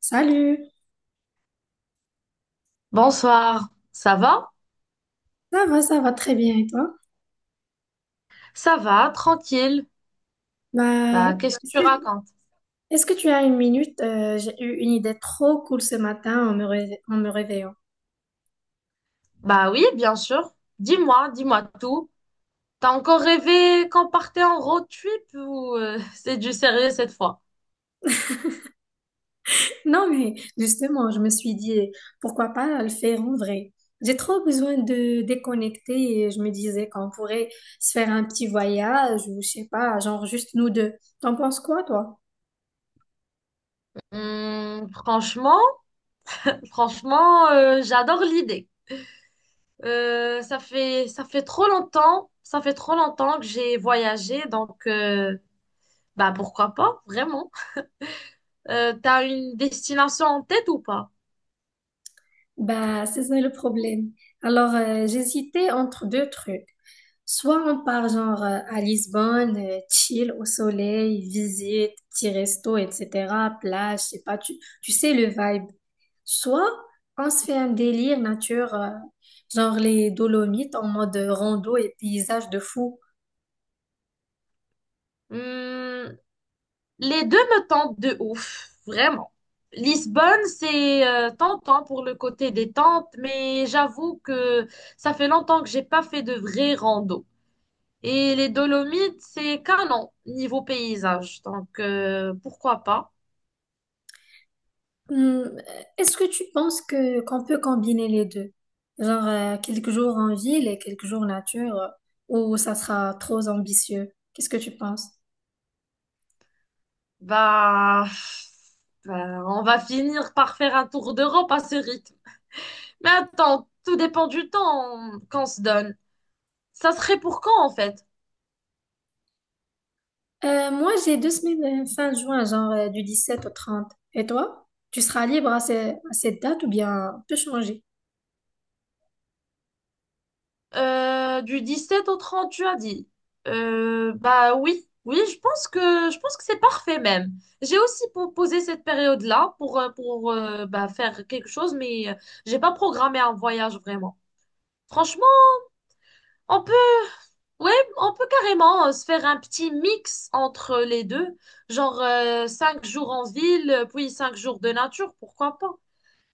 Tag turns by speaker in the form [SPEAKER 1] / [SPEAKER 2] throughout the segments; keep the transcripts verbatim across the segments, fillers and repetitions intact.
[SPEAKER 1] Salut,
[SPEAKER 2] Bonsoir, ça va?
[SPEAKER 1] ça va, ça va très bien et toi?
[SPEAKER 2] Ça va, tranquille.
[SPEAKER 1] Bah,
[SPEAKER 2] Bah, qu'est-ce que
[SPEAKER 1] est-ce
[SPEAKER 2] tu
[SPEAKER 1] que,
[SPEAKER 2] racontes?
[SPEAKER 1] est-ce que tu as une minute? Euh, j'ai eu une idée trop cool ce matin en me, réve- en me réveillant.
[SPEAKER 2] Bah oui, bien sûr. Dis-moi, dis-moi tout. T'as encore rêvé qu'on partait en road trip ou euh, c'est du sérieux cette fois?
[SPEAKER 1] Non, mais justement, je me suis dit, pourquoi pas le faire en vrai? J'ai trop besoin de déconnecter et je me disais qu'on pourrait se faire un petit voyage ou je sais pas, genre juste nous deux. T'en penses quoi, toi?
[SPEAKER 2] Hmm, franchement, Franchement, euh, j'adore l'idée. Euh, ça fait, ça fait trop longtemps, ça fait trop longtemps que j'ai voyagé, donc euh, bah pourquoi pas, vraiment. Euh, t'as une destination en tête ou pas?
[SPEAKER 1] Bah, c'est ça le problème. Alors, euh, j'hésitais entre deux trucs. Soit on part genre euh, à Lisbonne, euh, chill au soleil, visite, petit resto, et cetera, plage, je sais pas, tu, tu sais le vibe. Soit on se fait un délire nature, euh, genre les Dolomites en mode rando et paysage de fou.
[SPEAKER 2] Hmm. Les deux me tentent de ouf, vraiment. Lisbonne, c'est euh, tentant pour le côté détente, mais j'avoue que ça fait longtemps que j'ai pas fait de vrai rando. Et les Dolomites, c'est canon niveau paysage. Donc euh, pourquoi pas?
[SPEAKER 1] Hmm, est-ce que tu penses que qu'on peut combiner les deux? Genre euh, quelques jours en ville et quelques jours nature, euh, ou ça sera trop ambitieux? Qu'est-ce que tu penses?
[SPEAKER 2] Bah, bah, on va finir par faire un tour d'Europe à ce rythme. Mais attends, tout dépend du temps qu'on se donne. Ça serait pour quand en fait?
[SPEAKER 1] Euh, moi, j'ai deux semaines euh, fin juin, genre euh, du dix-sept au trente. Et toi? Tu seras libre à, ce- à cette date ou bien peut changer?
[SPEAKER 2] Euh, du sept au trente, tu as dit. Euh, bah oui, oui, je pense que je pense que c'est parfait même. J'ai aussi proposé cette période-là pour euh, pour euh, bah, faire quelque chose, mais euh, j'ai pas programmé un voyage vraiment. Franchement, on peut, ouais, on peut carrément euh, se faire un petit mix entre les deux, genre euh, cinq jours en ville, euh, puis cinq jours de nature, pourquoi pas.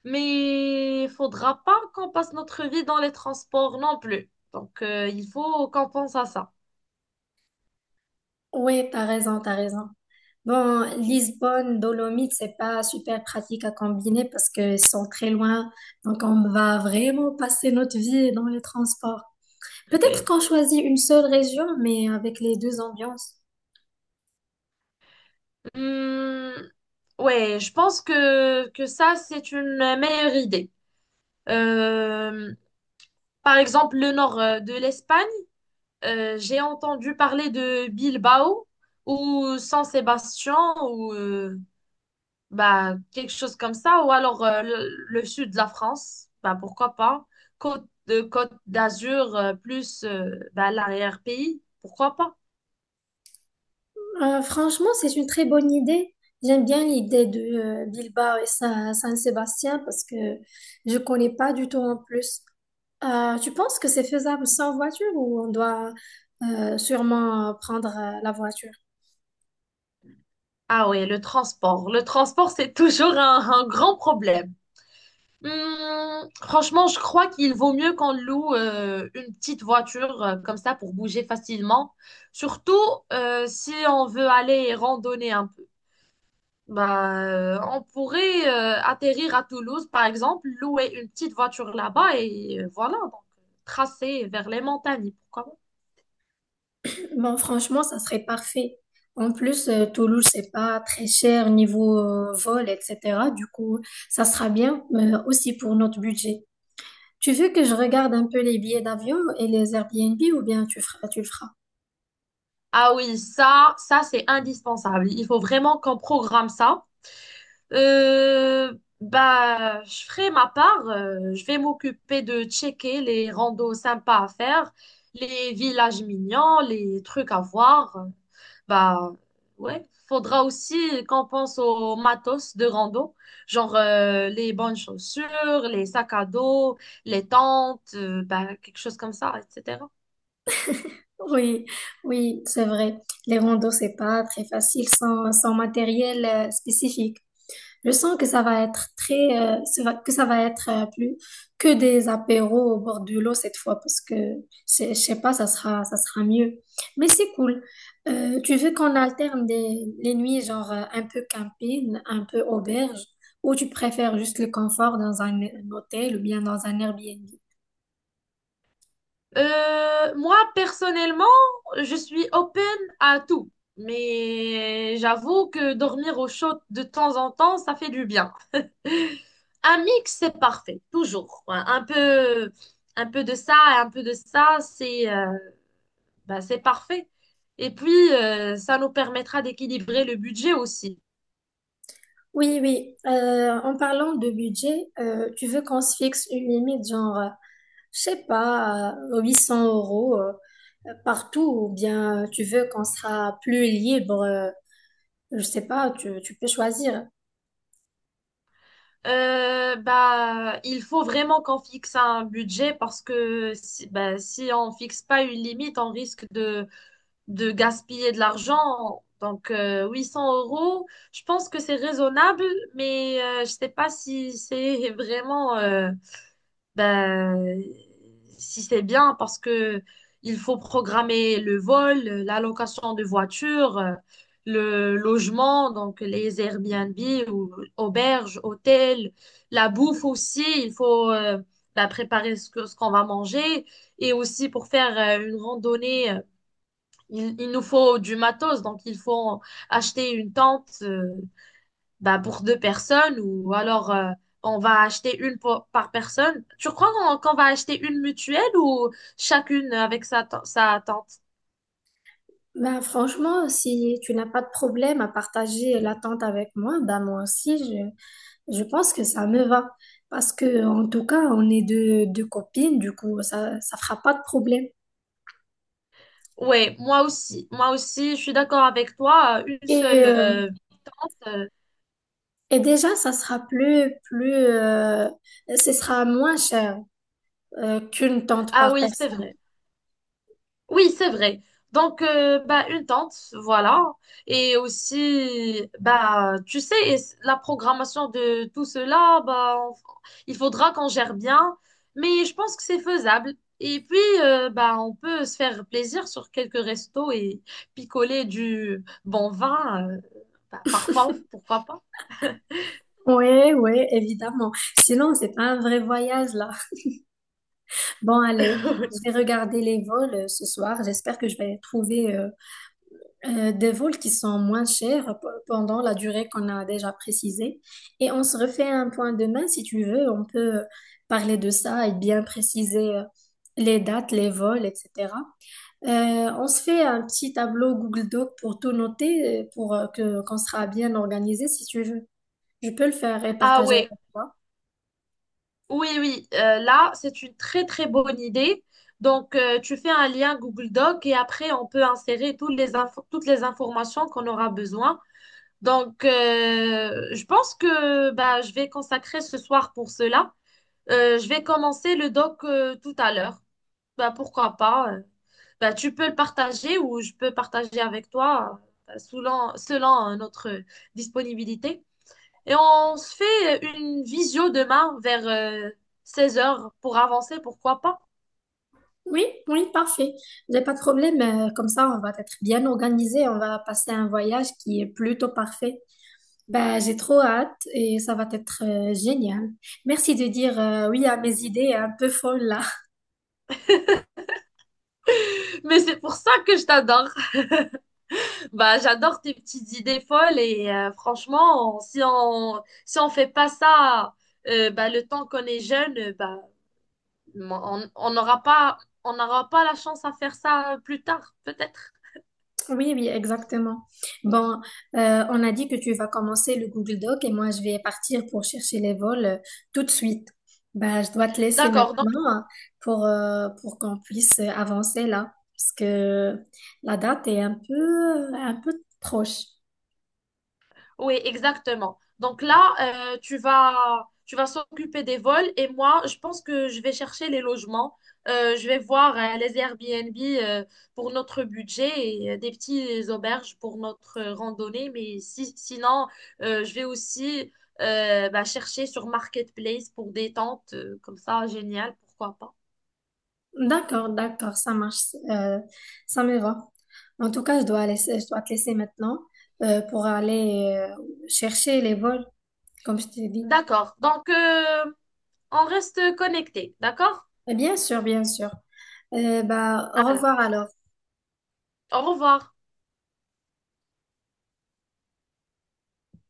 [SPEAKER 2] Mais il faudra pas qu'on passe notre vie dans les transports non plus. Donc euh, il faut qu'on pense à ça.
[SPEAKER 1] Oui, t'as raison, t'as raison. Bon, Lisbonne, Dolomites, c'est pas super pratique à combiner parce qu'ils sont très loin. Donc, on va vraiment passer notre vie dans les transports. Peut-être
[SPEAKER 2] Hum,
[SPEAKER 1] qu'on choisit une seule région, mais avec les deux ambiances.
[SPEAKER 2] ouais, je pense que, que ça, c'est une meilleure idée. Euh, Par exemple, le nord euh, de l'Espagne, euh, j'ai entendu parler de Bilbao ou San Sébastien ou euh, bah, quelque chose comme ça, ou alors euh, le, le sud de la France, bah, pourquoi pas. Côte de Côte d'Azur euh, plus euh, bah, l'arrière-pays, pourquoi pas.
[SPEAKER 1] Euh, franchement, c'est une très bonne idée. J'aime bien l'idée de euh, Bilbao et Sa- San-Sébastien parce que je connais pas du tout en plus. Euh, tu penses que c'est faisable sans voiture ou on doit euh, sûrement euh, prendre euh, la voiture?
[SPEAKER 2] Ah ouais, le transport. Le transport, c'est toujours un un grand problème. Hum, franchement, je crois qu'il vaut mieux qu'on loue euh, une petite voiture euh, comme ça pour bouger facilement. Surtout euh, si on veut aller randonner un peu. Bah, euh, on pourrait euh, atterrir à Toulouse, par exemple, louer une petite voiture là-bas et euh, voilà, donc tracer vers les montagnes, pourquoi pas.
[SPEAKER 1] Bon, franchement, ça serait parfait. En plus, euh, Toulouse, c'est pas très cher niveau euh, vol, et cetera. Du coup, ça sera bien, euh, aussi pour notre budget. Tu veux que je regarde un peu les billets d'avion et les Airbnb ou bien tu feras, tu le feras?
[SPEAKER 2] Ah oui, ça, ça c'est indispensable. Il faut vraiment qu'on programme ça. Euh, Bah, je ferai ma part. Euh, je vais m'occuper de checker les randos sympas à faire, les villages mignons, les trucs à voir. Bah, ouais. Faudra aussi qu'on pense aux matos de rando, genre euh, les bonnes chaussures, les sacs à dos, les tentes, euh, bah, quelque chose comme ça, et cetera.
[SPEAKER 1] Oui, oui, c'est vrai. Les randos, c'est pas très facile sans, sans matériel euh, spécifique. Je sens que ça va être très, euh, ça va- que ça va être euh, plus que des apéros au bord de l'eau cette fois parce que je je sais pas, ça sera, ça sera mieux. Mais c'est cool. Euh, tu veux qu'on alterne des, les nuits genre euh, un peu camping, un peu auberge, ou tu préfères juste le confort dans un, un hôtel ou bien dans un Airbnb?
[SPEAKER 2] Euh, moi, personnellement, je suis open à tout. Mais j'avoue que dormir au chaud de temps en temps, ça fait du bien. Un mix, c'est parfait, toujours. Ouais, un peu, un peu de ça et un peu de ça, c'est euh, bah, c'est parfait. Et puis, euh, ça nous permettra d'équilibrer le budget aussi.
[SPEAKER 1] Oui, oui. Euh, en parlant de budget, euh, tu veux qu'on se fixe une limite, genre, euh, je sais pas, euh, huit cents euros euh, euh, partout, ou bien tu veux qu'on sera plus libre, euh, je sais pas, tu, tu peux choisir.
[SPEAKER 2] Euh, bah, il faut vraiment qu'on fixe un budget parce que si, bah, si on fixe pas une limite, on risque de de gaspiller de l'argent. Donc, euh, huit cents euros, je pense que c'est raisonnable, mais euh, je sais pas si c'est vraiment, euh, ben, si c'est bien parce que il faut programmer le vol, la location de voiture, euh, le logement, donc les Airbnb ou auberges, hôtels, la bouffe aussi. Il faut euh, ben, préparer ce que, ce qu'on va manger, et aussi pour faire euh, une randonnée, euh, il, il nous faut du matos, donc il faut acheter une tente, euh, bah, pour deux personnes, ou alors euh, on va acheter une pour- par personne. Tu crois qu'on qu'on va acheter une mutuelle ou chacune avec sa, te- sa tente?
[SPEAKER 1] Ben, franchement, si tu n'as pas de problème à partager l'attente avec moi, ben moi aussi, je, je pense que ça me va. Parce que, en tout cas, on est deux, deux copines, du coup, ça, ça fera pas de problème.
[SPEAKER 2] Oui, moi aussi. Moi aussi, je suis d'accord avec toi. euh, Une
[SPEAKER 1] Et
[SPEAKER 2] seule.
[SPEAKER 1] euh,
[SPEAKER 2] euh, euh,
[SPEAKER 1] Et déjà, ça sera plus, plus, euh, ce sera moins cher euh, qu'une tente
[SPEAKER 2] Ah
[SPEAKER 1] par
[SPEAKER 2] oui, c'est
[SPEAKER 1] personne.
[SPEAKER 2] vrai. Oui, c'est vrai. Donc, euh, bah, une tente, voilà. Et aussi, bah, tu sais, et c- la programmation de tout cela, bah, on- il faudra qu'on gère bien. Mais je pense que c'est faisable. Et puis, euh, bah, on peut se faire plaisir sur quelques restos et picoler du bon vin, euh, bah, parfois, pourquoi pas.
[SPEAKER 1] Oui, oui, évidemment. Sinon, c'est pas un vrai voyage là. Bon, allez, je vais regarder les vols euh, ce soir. J'espère que je vais trouver euh, euh, des vols qui sont moins chers p- pendant la durée qu'on a déjà précisée. Et on se refait un point demain, si tu veux, on peut euh, parler de ça et bien préciser euh, les dates, les vols, et cetera. Euh, on se fait un petit tableau Google Doc pour tout noter, euh, pour euh, que qu'on sera bien organisé, si tu veux. Je peux le faire et
[SPEAKER 2] Ah
[SPEAKER 1] partager avec
[SPEAKER 2] ouais,
[SPEAKER 1] toi.
[SPEAKER 2] oui, oui, euh, là, c'est une très très bonne idée. Donc, euh, tu fais un lien Google Doc et après, on peut insérer toutes les infos- toutes les informations qu'on aura besoin. Donc, euh, je pense que, bah, je vais consacrer ce soir pour cela. Euh, je vais commencer le doc euh, tout à l'heure. Bah, pourquoi pas? euh. Bah, tu peux le partager ou je peux partager avec toi euh, selon, selon euh, notre disponibilité. Et on se fait une visio demain vers euh, seize heures pour avancer, pourquoi pas.
[SPEAKER 1] Oui, oui, parfait. J'ai pas de problème. euh, Comme ça, on va être bien organisé. On va passer un voyage qui est plutôt parfait. Bah, j'ai trop hâte et ça va être euh, génial. Merci de dire euh, oui à mes idées un peu folles là.
[SPEAKER 2] Mais c'est pour ça que je t'adore. Bah, j'adore tes petites idées folles et euh, franchement, on- si on si on fait pas ça euh, bah, le temps qu'on est jeune, euh, bah, on on n'aura pas on n'aura pas la chance à faire ça euh, plus tard, peut-être.
[SPEAKER 1] Oui, oui, exactement. Bon, euh, on a dit que tu vas commencer le Google Doc et moi je vais partir pour chercher les vols euh, tout de suite. Bah, je dois te laisser
[SPEAKER 2] D'accord, donc
[SPEAKER 1] maintenant hein, pour, euh, pour qu'on puisse avancer là parce que la date est un peu, un peu proche.
[SPEAKER 2] oui, exactement. Donc là, euh, tu vas, tu vas s'occuper des vols et moi, je pense que je vais chercher les logements. Euh, je vais voir euh, les Airbnb euh, pour notre budget et euh, des petites auberges pour notre euh, randonnée. Mais si- sinon, euh, je vais aussi euh, bah, chercher sur Marketplace pour des tentes, euh, comme ça, génial, pourquoi pas.
[SPEAKER 1] D'accord, d'accord, ça marche, euh, ça me va. En tout cas, je dois laisser, je dois te laisser maintenant euh, pour aller euh, chercher les vols, comme je t'ai dit.
[SPEAKER 2] D'accord. Donc, euh, on reste connecté, d'accord?
[SPEAKER 1] Et bien sûr, bien sûr. Euh, bah, au
[SPEAKER 2] Voilà.
[SPEAKER 1] revoir alors.
[SPEAKER 2] Au revoir.